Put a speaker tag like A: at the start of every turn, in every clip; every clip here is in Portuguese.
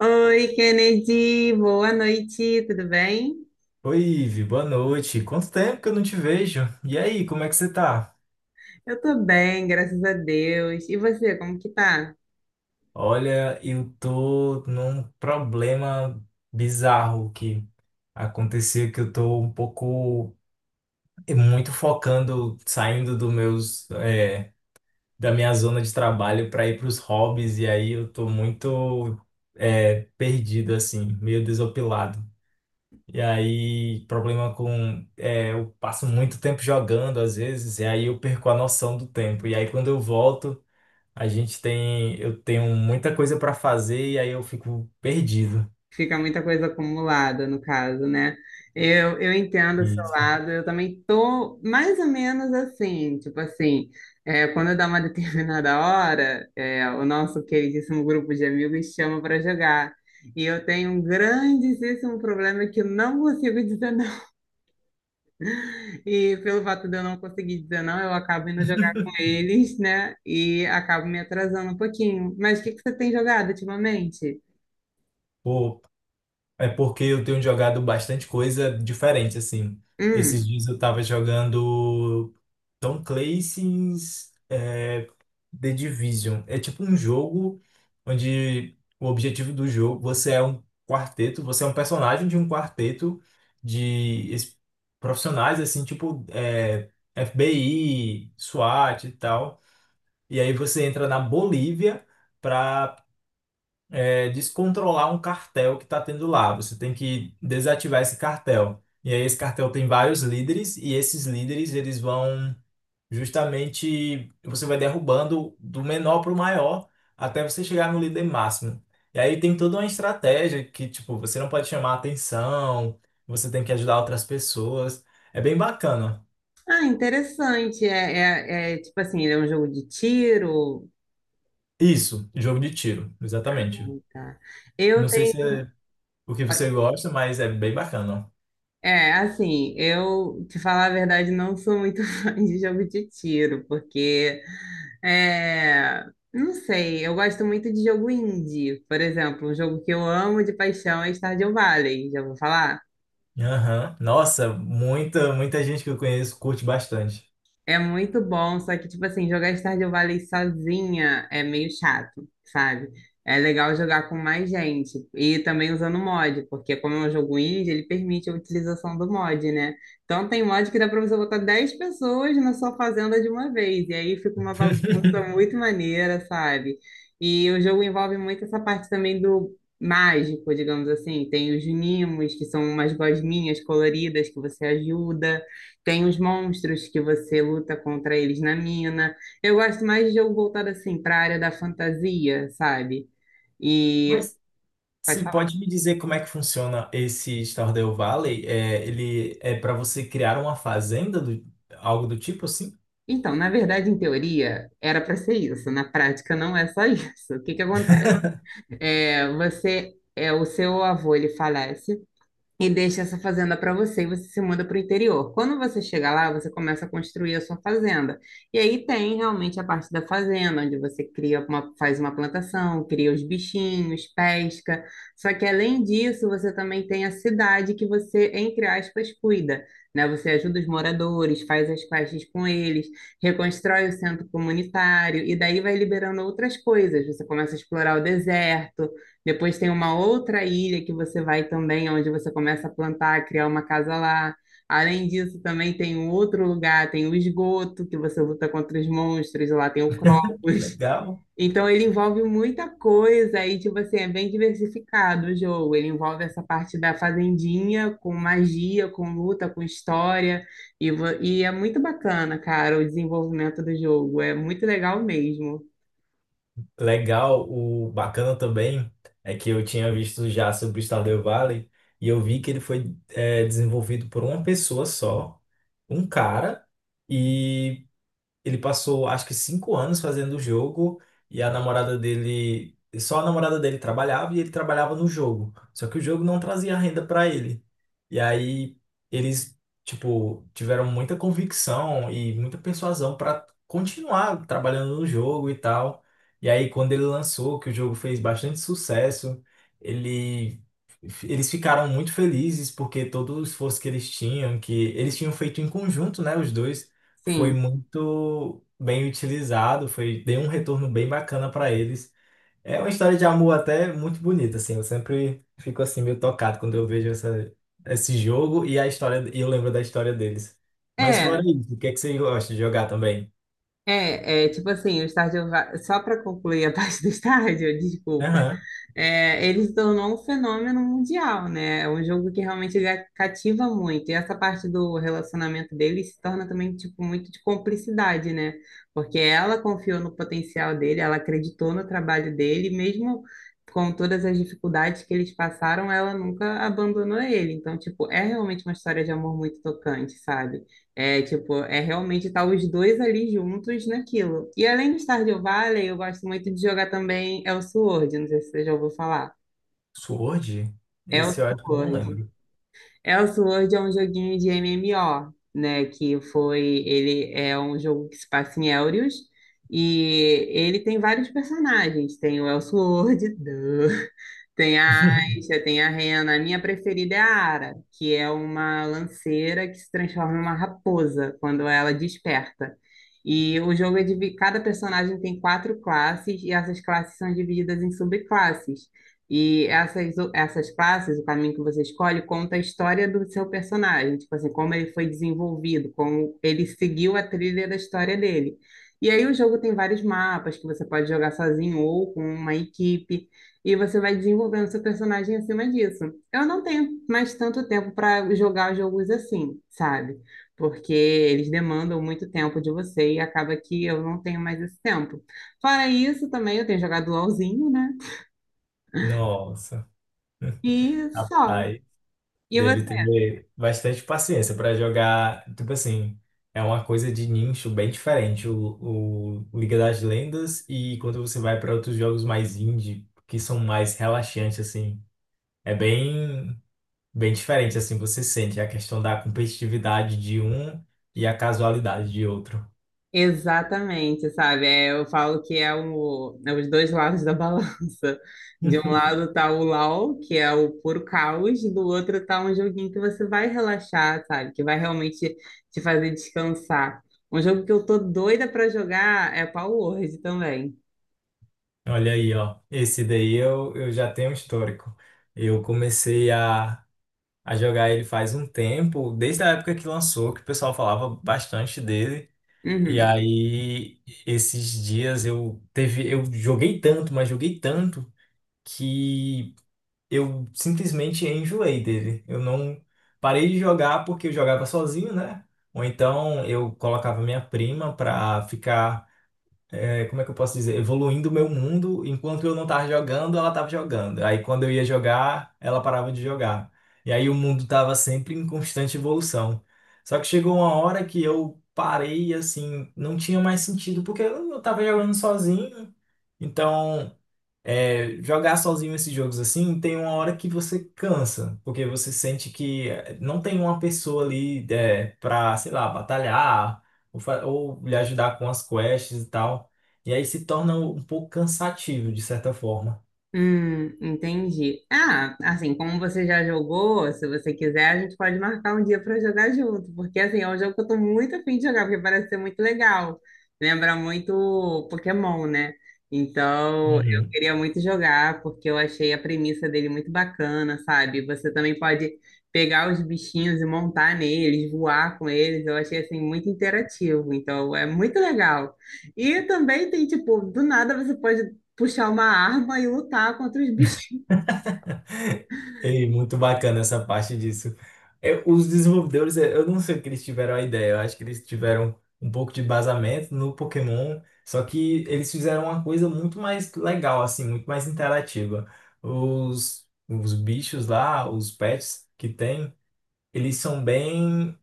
A: Oi, Kennedy, boa noite, tudo bem?
B: Oi, Ivi, boa noite. Quanto tempo que eu não te vejo? E aí, como é que você tá?
A: Eu tô bem, graças a Deus. E você, como que tá?
B: Olha, eu tô num problema bizarro que aconteceu, que eu tô um pouco, muito focando, saindo do meus, da minha zona de trabalho para ir para os hobbies, e aí eu tô muito, perdido, assim, meio desopilado. E aí, problema com. Eu passo muito tempo jogando, às vezes, e aí eu perco a noção do tempo. E aí, quando eu volto, a gente tem. Eu tenho muita coisa para fazer, e aí eu fico perdido.
A: Fica muita coisa acumulada, no caso, né? Eu entendo o
B: E,
A: seu lado, eu também tô mais ou menos assim, tipo assim, quando dá uma determinada hora, o nosso queridíssimo grupo de amigos chama para jogar. E eu tenho um grandíssimo problema que eu não consigo dizer. E pelo fato de eu não conseguir dizer não, eu acabo indo jogar com eles, né? E acabo me atrasando um pouquinho. Mas o que que você tem jogado ultimamente?
B: pô, É porque eu tenho jogado bastante coisa diferente, assim. Esses
A: Hum.
B: dias eu tava jogando Tom Clancy's The Division. É tipo um jogo onde o objetivo do jogo, você é um quarteto, você é um personagem de um quarteto de es- profissionais, assim, FBI, SWAT e tal. E aí você entra na Bolívia para descontrolar um cartel que está tendo lá. Você tem que desativar esse cartel. E aí esse cartel tem vários líderes e esses líderes eles vão justamente você vai derrubando do menor para o maior até você chegar no líder máximo. E aí tem toda uma estratégia que tipo você não pode chamar atenção, você tem que ajudar outras pessoas. É bem bacana.
A: Ah, interessante. Tipo assim, ele é um jogo de tiro.
B: Isso, jogo de tiro,
A: Ah,
B: exatamente.
A: tá. Eu
B: Não sei se
A: tenho.
B: é o que você gosta, mas é bem bacana.
A: Assim, te falar a verdade, não sou muito fã de jogo de tiro, porque. É, não sei, eu gosto muito de jogo indie. Por exemplo, um jogo que eu amo de paixão é Stardew Valley, já vou falar?
B: Aham. Nossa, muita gente que eu conheço curte bastante.
A: É muito bom, só que, tipo assim, jogar Stardew Valley sozinha é meio chato, sabe? É legal jogar com mais gente e também usando mod, porque como é um jogo indie, ele permite a utilização do mod, né? Então tem mod que dá pra você botar 10 pessoas na sua fazenda de uma vez, e aí fica uma bagunça muito maneira, sabe? E o jogo envolve muito essa parte também do mágico, digamos assim. Tem os nimos, que são umas gosminhas coloridas que você ajuda. Tem os monstros que você luta contra eles na mina. Eu gosto mais de jogo voltado assim para a área da fantasia, sabe? E
B: Mas
A: pode
B: você
A: falar.
B: pode me dizer como é que funciona esse Stardew Valley? É, ele é para você criar uma fazenda, do, algo do tipo assim?
A: Então, na verdade, em teoria, era para ser isso. Na prática, não é só isso. O que que acontece? O seu avô, ele falece. E deixa essa fazenda para você e você se muda para o interior. Quando você chega lá, você começa a construir a sua fazenda. E aí tem realmente a parte da fazenda, onde você cria uma, faz uma plantação, cria os bichinhos, pesca. Só que além disso, você também tem a cidade que você, entre aspas, cuida. Né? Você ajuda os moradores, faz as quests com eles, reconstrói o centro comunitário e daí vai liberando outras coisas. Você começa a explorar o deserto, depois tem uma outra ilha que você vai também, onde você começa a plantar, a criar uma casa lá. Além disso, também tem um outro lugar, tem o esgoto, que você luta contra os monstros, lá tem o Kropos.
B: Legal.
A: Então, ele envolve muita coisa e, tipo assim, é bem diversificado o jogo. Ele envolve essa parte da fazendinha, com magia, com luta, com história. E é muito bacana, cara, o desenvolvimento do jogo. É muito legal mesmo.
B: Legal. O bacana também é que eu tinha visto já sobre o Stardew Valley e eu vi que ele foi, é, desenvolvido por uma pessoa só, um cara. E ele passou acho que 5 anos fazendo o jogo e a namorada dele, só a namorada dele trabalhava e ele trabalhava no jogo. Só que o jogo não trazia renda para ele. E aí eles, tipo, tiveram muita convicção e muita persuasão para continuar trabalhando no jogo e tal. E aí quando ele lançou, que o jogo fez bastante sucesso, ele eles ficaram muito felizes porque todo o esforço que eles tinham feito em conjunto, né, os dois, foi
A: Sim.
B: muito bem utilizado, foi deu um retorno bem bacana para eles. É uma história de amor até muito bonita, assim. Eu sempre fico assim meio tocado quando eu vejo essa, esse jogo e a história e eu lembro da história deles. Mas fora
A: É,
B: isso, o que é que você gosta de jogar também?
A: Tipo assim, o Stardew só para concluir a parte do Stardew, desculpa,
B: Aham.
A: ele se tornou um fenômeno mundial, né? É um jogo que realmente cativa muito. E essa parte do relacionamento dele se torna também, tipo, muito de cumplicidade, né? Porque ela confiou no potencial dele, ela acreditou no trabalho dele, mesmo com todas as dificuldades que eles passaram, ela nunca abandonou ele. Então, tipo, é realmente uma história de amor muito tocante, sabe? Tipo, é realmente estar os dois ali juntos naquilo. E além do Stardew Valley, eu gosto muito de jogar também Elsword, não sei se você já ouviu falar.
B: Sword? Esse eu acho que eu não
A: Elsword.
B: lembro.
A: Elsword é um joguinho de MMO, né, que foi, ele é um jogo que se passa em Elrius, e ele tem vários personagens, tem o Elsword, duh. Tem a Aisha, tem a Rena. A minha preferida é a Ara, que é uma lanceira que se transforma em uma raposa quando ela desperta. E o jogo é dividido, cada personagem tem quatro classes e essas classes são divididas em subclasses. E essas classes, o caminho que você escolhe, conta a história do seu personagem, tipo assim, como ele foi desenvolvido, como ele seguiu a trilha da história dele. E aí o jogo tem vários mapas que você pode jogar sozinho ou com uma equipe. E você vai desenvolvendo seu personagem acima disso. Eu não tenho mais tanto tempo para jogar jogos assim, sabe? Porque eles demandam muito tempo de você e acaba que eu não tenho mais esse tempo. Fora isso, também eu tenho jogado LOLzinho, né?
B: Nossa,
A: E só.
B: rapaz.
A: E
B: Deve ter
A: você?
B: bastante paciência para jogar. Tipo assim, é uma coisa de nicho bem diferente. O Liga das Lendas e quando você vai para outros jogos mais indie, que são mais relaxantes, assim, é bem, bem diferente, assim, você sente a questão da competitividade de um e a casualidade de outro.
A: Exatamente, sabe? Eu falo que é os dois lados da balança. De um lado tá o LOL, que é o puro caos, do outro tá um joguinho que você vai relaxar, sabe? Que vai realmente te fazer descansar. Um jogo que eu tô doida pra jogar é Power Word também.
B: Olha aí, ó. Esse daí eu já tenho um histórico. Eu comecei a jogar ele faz um tempo, desde a época que lançou, que o pessoal falava bastante dele. E
A: Uhum.
B: aí, esses dias eu teve, eu joguei tanto, mas joguei tanto que eu simplesmente enjoei dele. Eu não parei de jogar porque eu jogava sozinho, né? Ou então eu colocava minha prima pra ficar como é que eu posso dizer? Evoluindo o meu mundo, enquanto eu não estava jogando, ela estava jogando. Aí quando eu ia jogar, ela parava de jogar. E aí o mundo estava sempre em constante evolução. Só que chegou uma hora que eu parei, assim, não tinha mais sentido, porque eu estava jogando sozinho, então. É, jogar sozinho esses jogos assim, tem uma hora que você cansa, porque você sente que não tem uma pessoa ali pra, sei lá, batalhar ou lhe ajudar com as quests e tal. E aí se torna um pouco cansativo, de certa forma.
A: Entendi. Ah, assim, como você já jogou, se você quiser, a gente pode marcar um dia para jogar junto, porque assim, é um jogo que eu tô muito afim de jogar, porque parece ser muito legal. Lembra muito Pokémon, né? Então, eu queria muito jogar, porque eu achei a premissa dele muito bacana, sabe? Você também pode pegar os bichinhos e montar neles, voar com eles. Eu achei assim muito interativo, então é muito legal. E também tem, tipo, do nada você pode puxar uma arma e lutar contra os bichinhos.
B: Ei, muito bacana essa parte disso. Os desenvolvedores, eu não sei o que eles tiveram a ideia, eu acho que eles tiveram um pouco de embasamento no Pokémon, só que eles fizeram uma coisa muito mais legal, assim, muito mais interativa. Os bichos lá, os pets que tem, eles são bem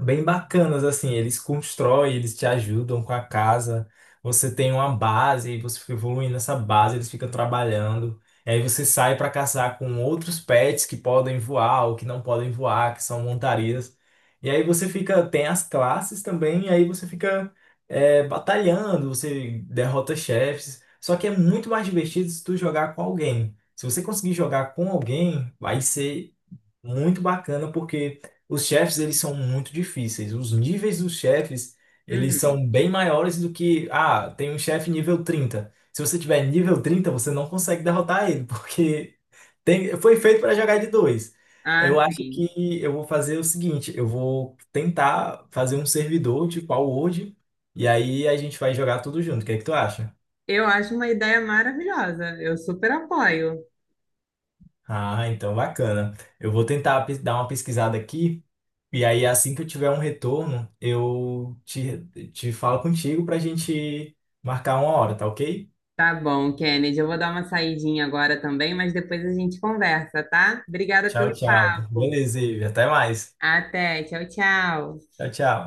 B: bem bacanas, assim, eles constroem, eles te ajudam com a casa, você tem uma base, você fica evoluindo essa base, eles ficam trabalhando, e aí você sai para caçar com outros pets que podem voar ou que não podem voar, que são montarias, e aí você fica, tem as classes também, e aí você fica batalhando, você derrota chefes, só que é muito mais divertido se tu jogar com alguém. Se você conseguir jogar com alguém, vai ser muito bacana, porque os chefes, eles são muito difíceis. Os níveis dos chefes, eles
A: Uhum.
B: são bem maiores do que, ah, tem um chefe nível 30. Se você tiver nível 30 você não consegue derrotar ele, porque tem, foi feito para jogar de 2.
A: Ah,
B: Eu acho
A: sim.
B: que eu vou fazer o seguinte, eu vou tentar fazer um servidor tipo a World, e aí a gente vai jogar tudo junto. O que é que tu acha?
A: Eu acho uma ideia maravilhosa. Eu super apoio.
B: Ah, então bacana. Eu vou tentar dar uma pesquisada aqui e aí assim que eu tiver um retorno, eu te, te falo contigo pra gente marcar uma hora, tá ok?
A: Tá bom, Kennedy. Eu vou dar uma saidinha agora também, mas depois a gente conversa, tá? Obrigada
B: Tchau,
A: pelo
B: tchau.
A: papo.
B: Beleza, Ivi. Até mais.
A: Até. Tchau, tchau.
B: Tchau, tchau.